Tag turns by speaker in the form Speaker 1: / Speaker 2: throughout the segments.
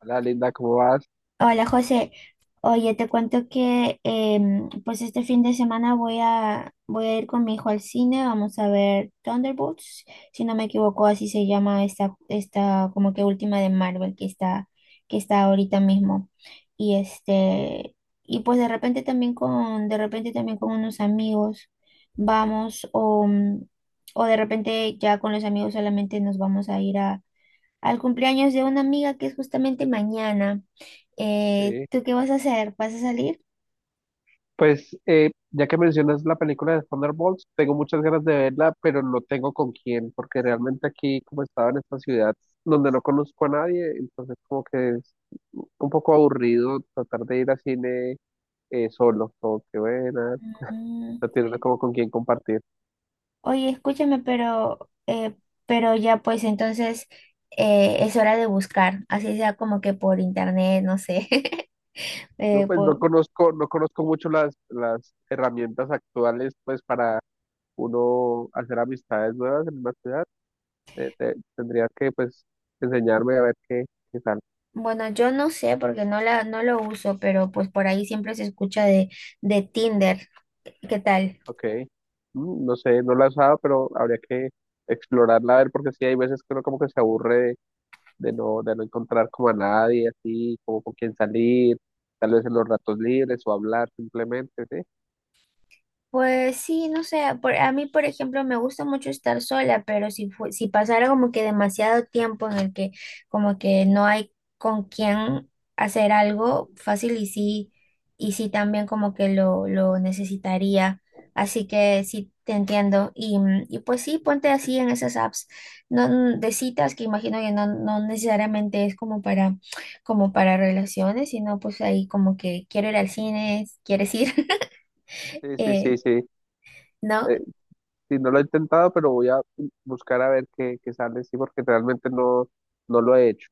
Speaker 1: Hola Linda, ¿cómo vas?
Speaker 2: Hola José, oye, te cuento que pues este fin de semana voy a ir con mi hijo al cine, vamos a ver Thunderbolts, si no me equivoco, así se llama esta como que última de Marvel que está ahorita mismo. Y este, y pues de repente también con unos amigos vamos, o de repente ya con los amigos solamente nos vamos a ir a al cumpleaños de una amiga que es justamente mañana.
Speaker 1: Sí.
Speaker 2: ¿Tú qué vas a hacer? ¿Vas a salir?
Speaker 1: Pues ya que mencionas la película de Thunderbolts, tengo muchas ganas de verla, pero no tengo con quién, porque realmente aquí, como estaba en esta ciudad donde no conozco a nadie, entonces como que es un poco aburrido tratar de ir al cine, solo, como que bueno,
Speaker 2: Mm.
Speaker 1: no tiene uno como con quién compartir.
Speaker 2: Oye, escúchame, pero ya pues entonces es hora de buscar, así sea como que por internet, no sé.
Speaker 1: No,
Speaker 2: Eh,
Speaker 1: pues no
Speaker 2: por-
Speaker 1: conozco, no conozco mucho las herramientas actuales pues para uno hacer amistades nuevas en una ciudad. Tendrías que, pues, enseñarme a ver qué, qué tal.
Speaker 2: bueno, yo no sé porque no la, no lo uso, pero pues por ahí siempre se escucha de Tinder. ¿Qué tal?
Speaker 1: Ok. Mm, no sé, no la he usado, pero habría que explorarla a ver, porque sí, hay veces que uno como que se aburre de no encontrar como a nadie, así, como con quién salir, tal vez en los ratos libres o hablar simplemente, ¿sí?
Speaker 2: Pues sí, no sé, a mí por ejemplo me gusta mucho estar sola, pero si pasara como que demasiado tiempo en el que como que no hay con quién hacer algo fácil y sí, también como que lo necesitaría, así que sí te entiendo y pues sí, ponte así en esas apps no, de citas que imagino que no necesariamente es como para relaciones, sino pues ahí como que quiero ir al cine, ¿quieres ir?
Speaker 1: Sí, sí, sí,
Speaker 2: Eh,
Speaker 1: sí.
Speaker 2: ¿No?
Speaker 1: Eh, Sí, no lo he intentado, pero voy a buscar a ver qué, qué sale, sí, porque realmente no, no lo he hecho.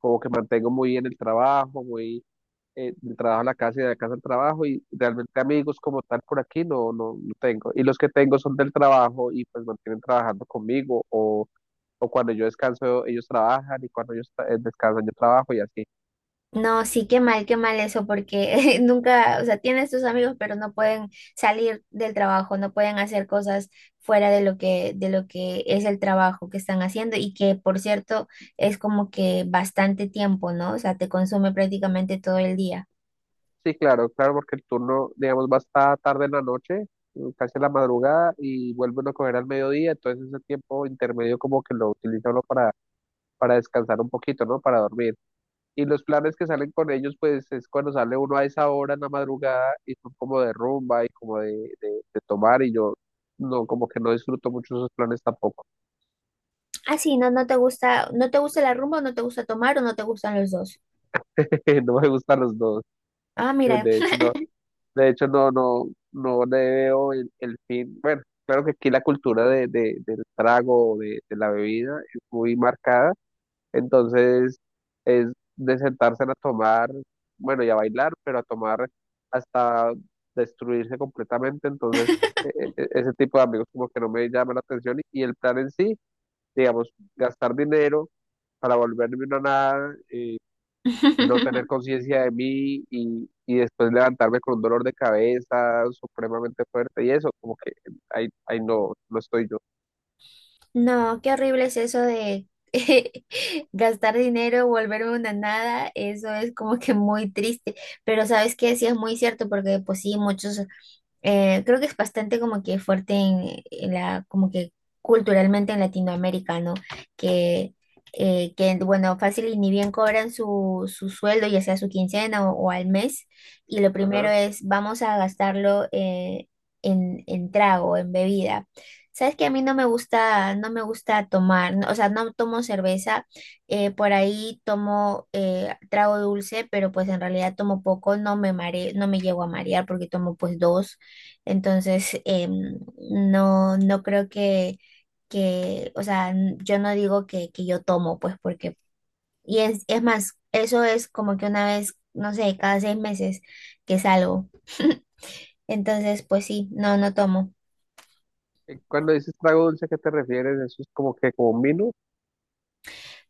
Speaker 1: Como que mantengo muy bien el trabajo, muy del trabajo a la casa y de la casa al trabajo, y realmente amigos como tal por aquí no, no, no tengo. Y los que tengo son del trabajo y pues mantienen trabajando conmigo, o cuando yo descanso ellos trabajan, y cuando descansan yo trabajo y así.
Speaker 2: No, sí, qué mal eso, porque nunca, o sea, tienes tus amigos, pero no pueden salir del trabajo, no pueden hacer cosas fuera de lo que es el trabajo que están haciendo y que, por cierto, es como que bastante tiempo, ¿no? O sea, te consume prácticamente todo el día.
Speaker 1: Sí, claro, claro, porque el turno, digamos, va hasta tarde en la noche, casi a la madrugada, y vuelve uno a coger al mediodía, entonces ese tiempo intermedio como que lo utiliza uno para descansar un poquito, ¿no? Para dormir. Y los planes que salen con ellos, pues es cuando sale uno a esa hora en la madrugada y son como de rumba y como de tomar, y yo no, como que no disfruto mucho esos planes tampoco.
Speaker 2: Ah, sí, no, no te gusta la rumba, o no te gusta tomar o no te gustan los dos.
Speaker 1: No me gustan los dos,
Speaker 2: Ah, mira.
Speaker 1: de hecho, no. De hecho, no, no, no le veo el fin. Bueno, claro que aquí la cultura del trago, de la bebida, es muy marcada. Entonces, es de sentarse a tomar, bueno, y a bailar, pero a tomar hasta destruirse completamente. Entonces, ese tipo de amigos como que no me llama la atención. Y el plan en sí, digamos, gastar dinero para volverme una nada, no tener conciencia de mí y después levantarme con un dolor de cabeza supremamente fuerte y eso, como que ahí, ahí no, no estoy yo.
Speaker 2: No, qué horrible es eso de gastar dinero, volverme una nada, eso es como que muy triste, pero sabes que sí es muy cierto porque pues sí, muchos creo que es bastante como que fuerte en la, como que culturalmente en Latinoamérica, ¿no? Que, que bueno, fácil y ni bien cobran su sueldo, ya sea su quincena o al mes, y lo
Speaker 1: Ajá.
Speaker 2: primero es, vamos a gastarlo en trago, en bebida. Sabes que a mí no me gusta tomar, o sea, no tomo cerveza, por ahí tomo trago dulce, pero pues en realidad tomo poco, no me mare, no me llego a marear porque tomo pues dos entonces, no creo o sea, yo no digo que yo tomo, pues porque, y es más, eso es como que una vez, no sé, cada 6 meses que salgo. Entonces, pues sí, no tomo.
Speaker 1: Y cuando dices trago dulce, ¿a qué te refieres? ¿Eso es como que como un vino?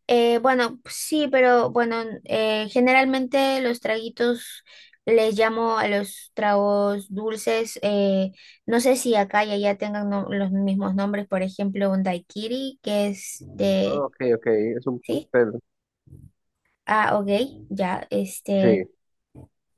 Speaker 2: Bueno, sí, pero bueno, generalmente los traguitos les llamo a los tragos dulces. No sé si acá y allá tengan los mismos nombres, por ejemplo, un daiquiri, que es de.
Speaker 1: Ah, ok, ok, es un
Speaker 2: ¿Sí?
Speaker 1: cóctel.
Speaker 2: Ah, ok, ya, este,
Speaker 1: Sí,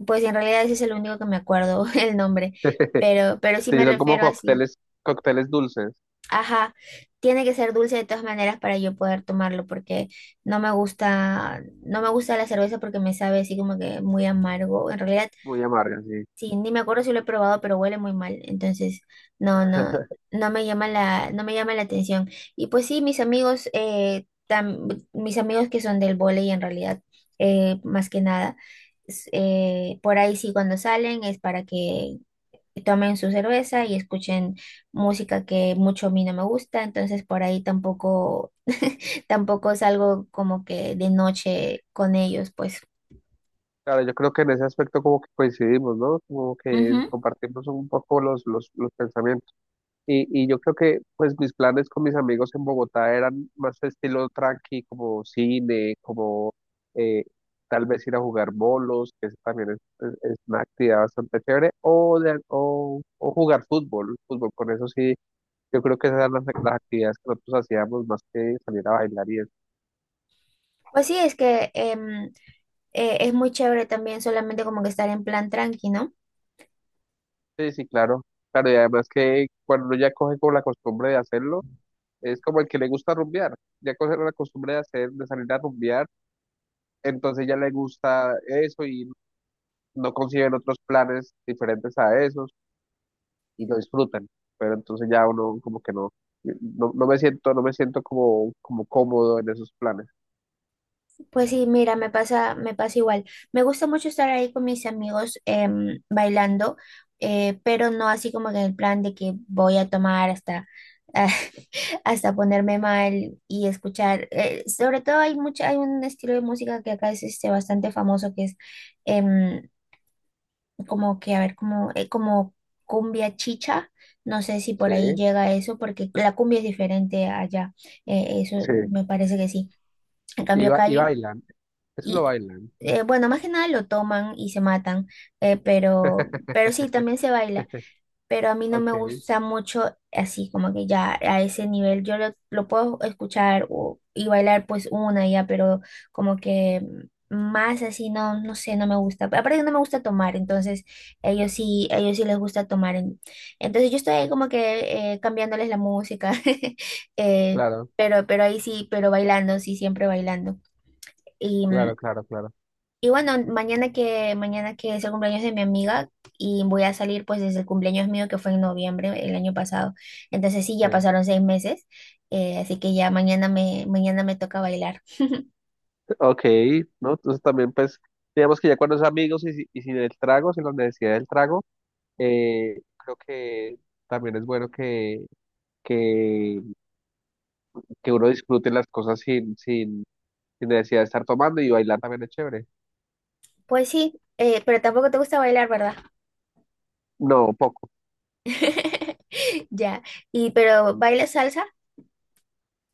Speaker 2: pues en realidad ese es el único que me acuerdo el nombre, pero sí
Speaker 1: sí,
Speaker 2: me
Speaker 1: son como
Speaker 2: refiero así.
Speaker 1: cócteles, cócteles dulces,
Speaker 2: Ajá, tiene que ser dulce de todas maneras para yo poder tomarlo, porque no me gusta la cerveza porque me sabe así como que muy amargo. En realidad.
Speaker 1: muy amargas, sí.
Speaker 2: Sí, ni me acuerdo si lo he probado, pero huele muy mal. Entonces, no, no, no me llama la atención. Y pues sí, mis amigos que son del vóley en realidad, más que nada, por ahí sí cuando salen es para que tomen su cerveza y escuchen música que mucho a mí no me gusta. Entonces, por ahí tampoco, tampoco salgo como que de noche con ellos, pues.
Speaker 1: Claro, yo creo que en ese aspecto como que coincidimos, ¿no? Como que
Speaker 2: Ujú.
Speaker 1: compartimos un poco los pensamientos. Y yo creo que pues mis planes con mis amigos en Bogotá eran más estilo tranqui, como cine, como, eh, tal vez ir a jugar bolos, que eso también es una actividad bastante chévere, o jugar fútbol, fútbol, con eso sí, yo creo que esas eran las actividades que nosotros hacíamos más que salir a bailar y eso.
Speaker 2: Pues sí, es que es muy chévere también solamente como que estar en plan tranqui, ¿no?
Speaker 1: Sí, sí, claro, claro, y además que cuando uno ya coge como la costumbre de hacerlo, es como el que le gusta rumbear, ya coge la costumbre de hacer, de salir a rumbear, entonces ya le gusta eso y no consiguen otros planes diferentes a esos y lo disfrutan. Pero entonces ya uno como que no, no, no me siento, no me siento como, como cómodo en esos planes.
Speaker 2: Pues sí, mira, me pasa igual. Me gusta mucho estar ahí con mis amigos bailando, pero no así como que en el plan de que voy a tomar hasta, hasta ponerme mal y escuchar. Sobre todo hay mucha, hay un estilo de música que acá es este, bastante famoso que es em, como que, a ver, como cumbia chicha, no sé si
Speaker 1: Sí,
Speaker 2: por ahí llega eso, porque la cumbia es diferente allá, eso
Speaker 1: sí.
Speaker 2: me parece que sí. En
Speaker 1: Y,
Speaker 2: cambio acá
Speaker 1: y bailan, eso lo
Speaker 2: y,
Speaker 1: bailan.
Speaker 2: bueno, más que nada lo toman y se matan, pero sí, también se baila pero a mí no me
Speaker 1: Ok,
Speaker 2: gusta mucho así, como que ya a ese nivel. Yo lo puedo escuchar y bailar pues una ya, pero como que más así, no sé, no me gusta. Aparte que no me gusta tomar, entonces ellos sí les gusta tomar. Entonces yo estoy ahí como que cambiándoles la música, eh,
Speaker 1: claro,
Speaker 2: pero ahí sí, pero bailando, sí, siempre bailando. y mm,
Speaker 1: claro, claro, claro.
Speaker 2: y bueno, mañana que es el cumpleaños de mi amiga y voy a salir pues desde el cumpleaños mío que fue en noviembre el año pasado. Entonces sí, ya
Speaker 1: Sí.
Speaker 2: pasaron 6 meses, así que ya mañana me toca bailar.
Speaker 1: Ok, ¿no? Entonces también pues digamos que ya cuando es amigos y sin el trago, sin la necesidad del trago, creo que también es bueno que, que uno disfrute las cosas sin, sin, y necesidad de estar tomando y bailar también es chévere.
Speaker 2: Pues sí, pero tampoco te gusta bailar, ¿verdad?
Speaker 1: No, poco.
Speaker 2: Ya, y pero ¿bailas salsa?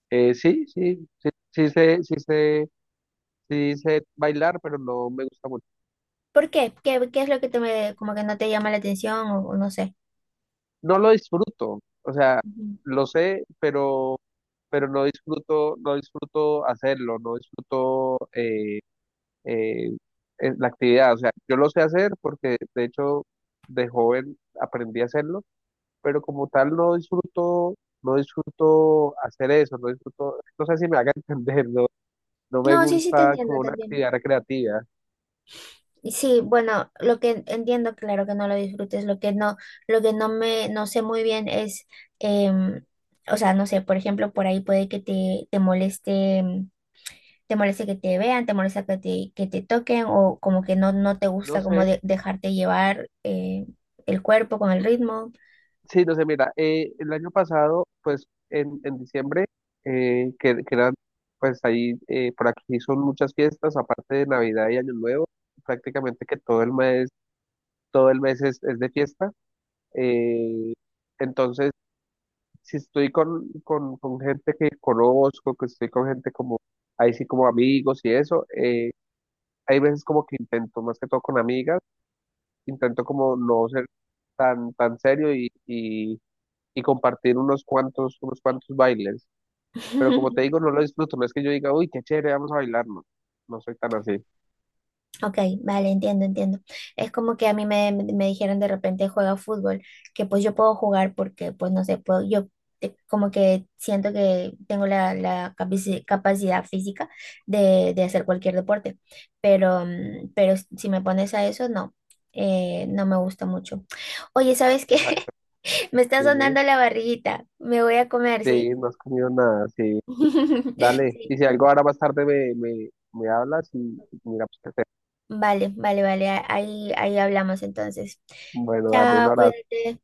Speaker 1: Sí, sí, sí, sí sé, sí sé, sí sé bailar, pero no me gusta mucho.
Speaker 2: ¿Por qué? ¿Qué es lo que como que no te llama la atención o no sé?
Speaker 1: No lo disfruto, o sea,
Speaker 2: Ujú.
Speaker 1: lo sé, pero no disfruto, no disfruto hacerlo, no disfruto eh, la actividad. O sea, yo lo sé hacer porque de hecho de joven aprendí a hacerlo, pero como tal no disfruto, no disfruto hacer eso, no disfruto, no sé si me haga entender, ¿no? No me
Speaker 2: No, sí, sí, te
Speaker 1: gusta
Speaker 2: entiendo,
Speaker 1: como una
Speaker 2: también.
Speaker 1: actividad recreativa.
Speaker 2: Sí, bueno, lo que entiendo, claro que no lo disfrutes, lo que no me, no sé muy bien es, em, o sea, no sé, por ejemplo, por ahí puede que te moleste que te vean, te molesta que te toquen, o como que no te
Speaker 1: No
Speaker 2: gusta como
Speaker 1: sé,
Speaker 2: dejarte llevar, el cuerpo con el ritmo.
Speaker 1: sí, no sé, mira, el año pasado, pues en diciembre, que eran, pues ahí, por aquí son muchas fiestas, aparte de Navidad y Año Nuevo, prácticamente que todo el mes es de fiesta. eh, entonces, si estoy con gente que conozco, que estoy con gente como, ahí sí como amigos y eso, hay veces como que intento, más que todo con amigas, intento como no ser tan, tan serio y compartir unos cuantos bailes. Pero como te digo, no lo disfruto, no es que yo diga, uy, qué chévere, vamos a bailar, no, no soy tan así.
Speaker 2: Ok, vale, entiendo, entiendo. Es como que a mí me dijeron de repente juega fútbol, que pues yo puedo jugar porque pues no sé, puedo, como que siento que tengo la capacidad física de hacer cualquier deporte, pero si me pones a eso, no me gusta mucho. Oye, ¿sabes qué?
Speaker 1: Exacto,
Speaker 2: Me está
Speaker 1: sí, muy-,
Speaker 2: sonando la barriguita, me voy a comer,
Speaker 1: sí,
Speaker 2: ¿sí?
Speaker 1: no has comido nada, sí, dale.
Speaker 2: Sí,
Speaker 1: Y si algo ahora más tarde me, me, me hablas y mira, pues qué hacer.
Speaker 2: vale, vale, vale, ahí hablamos entonces.
Speaker 1: Bueno, dale, un
Speaker 2: Chao,
Speaker 1: abrazo.
Speaker 2: cuídate.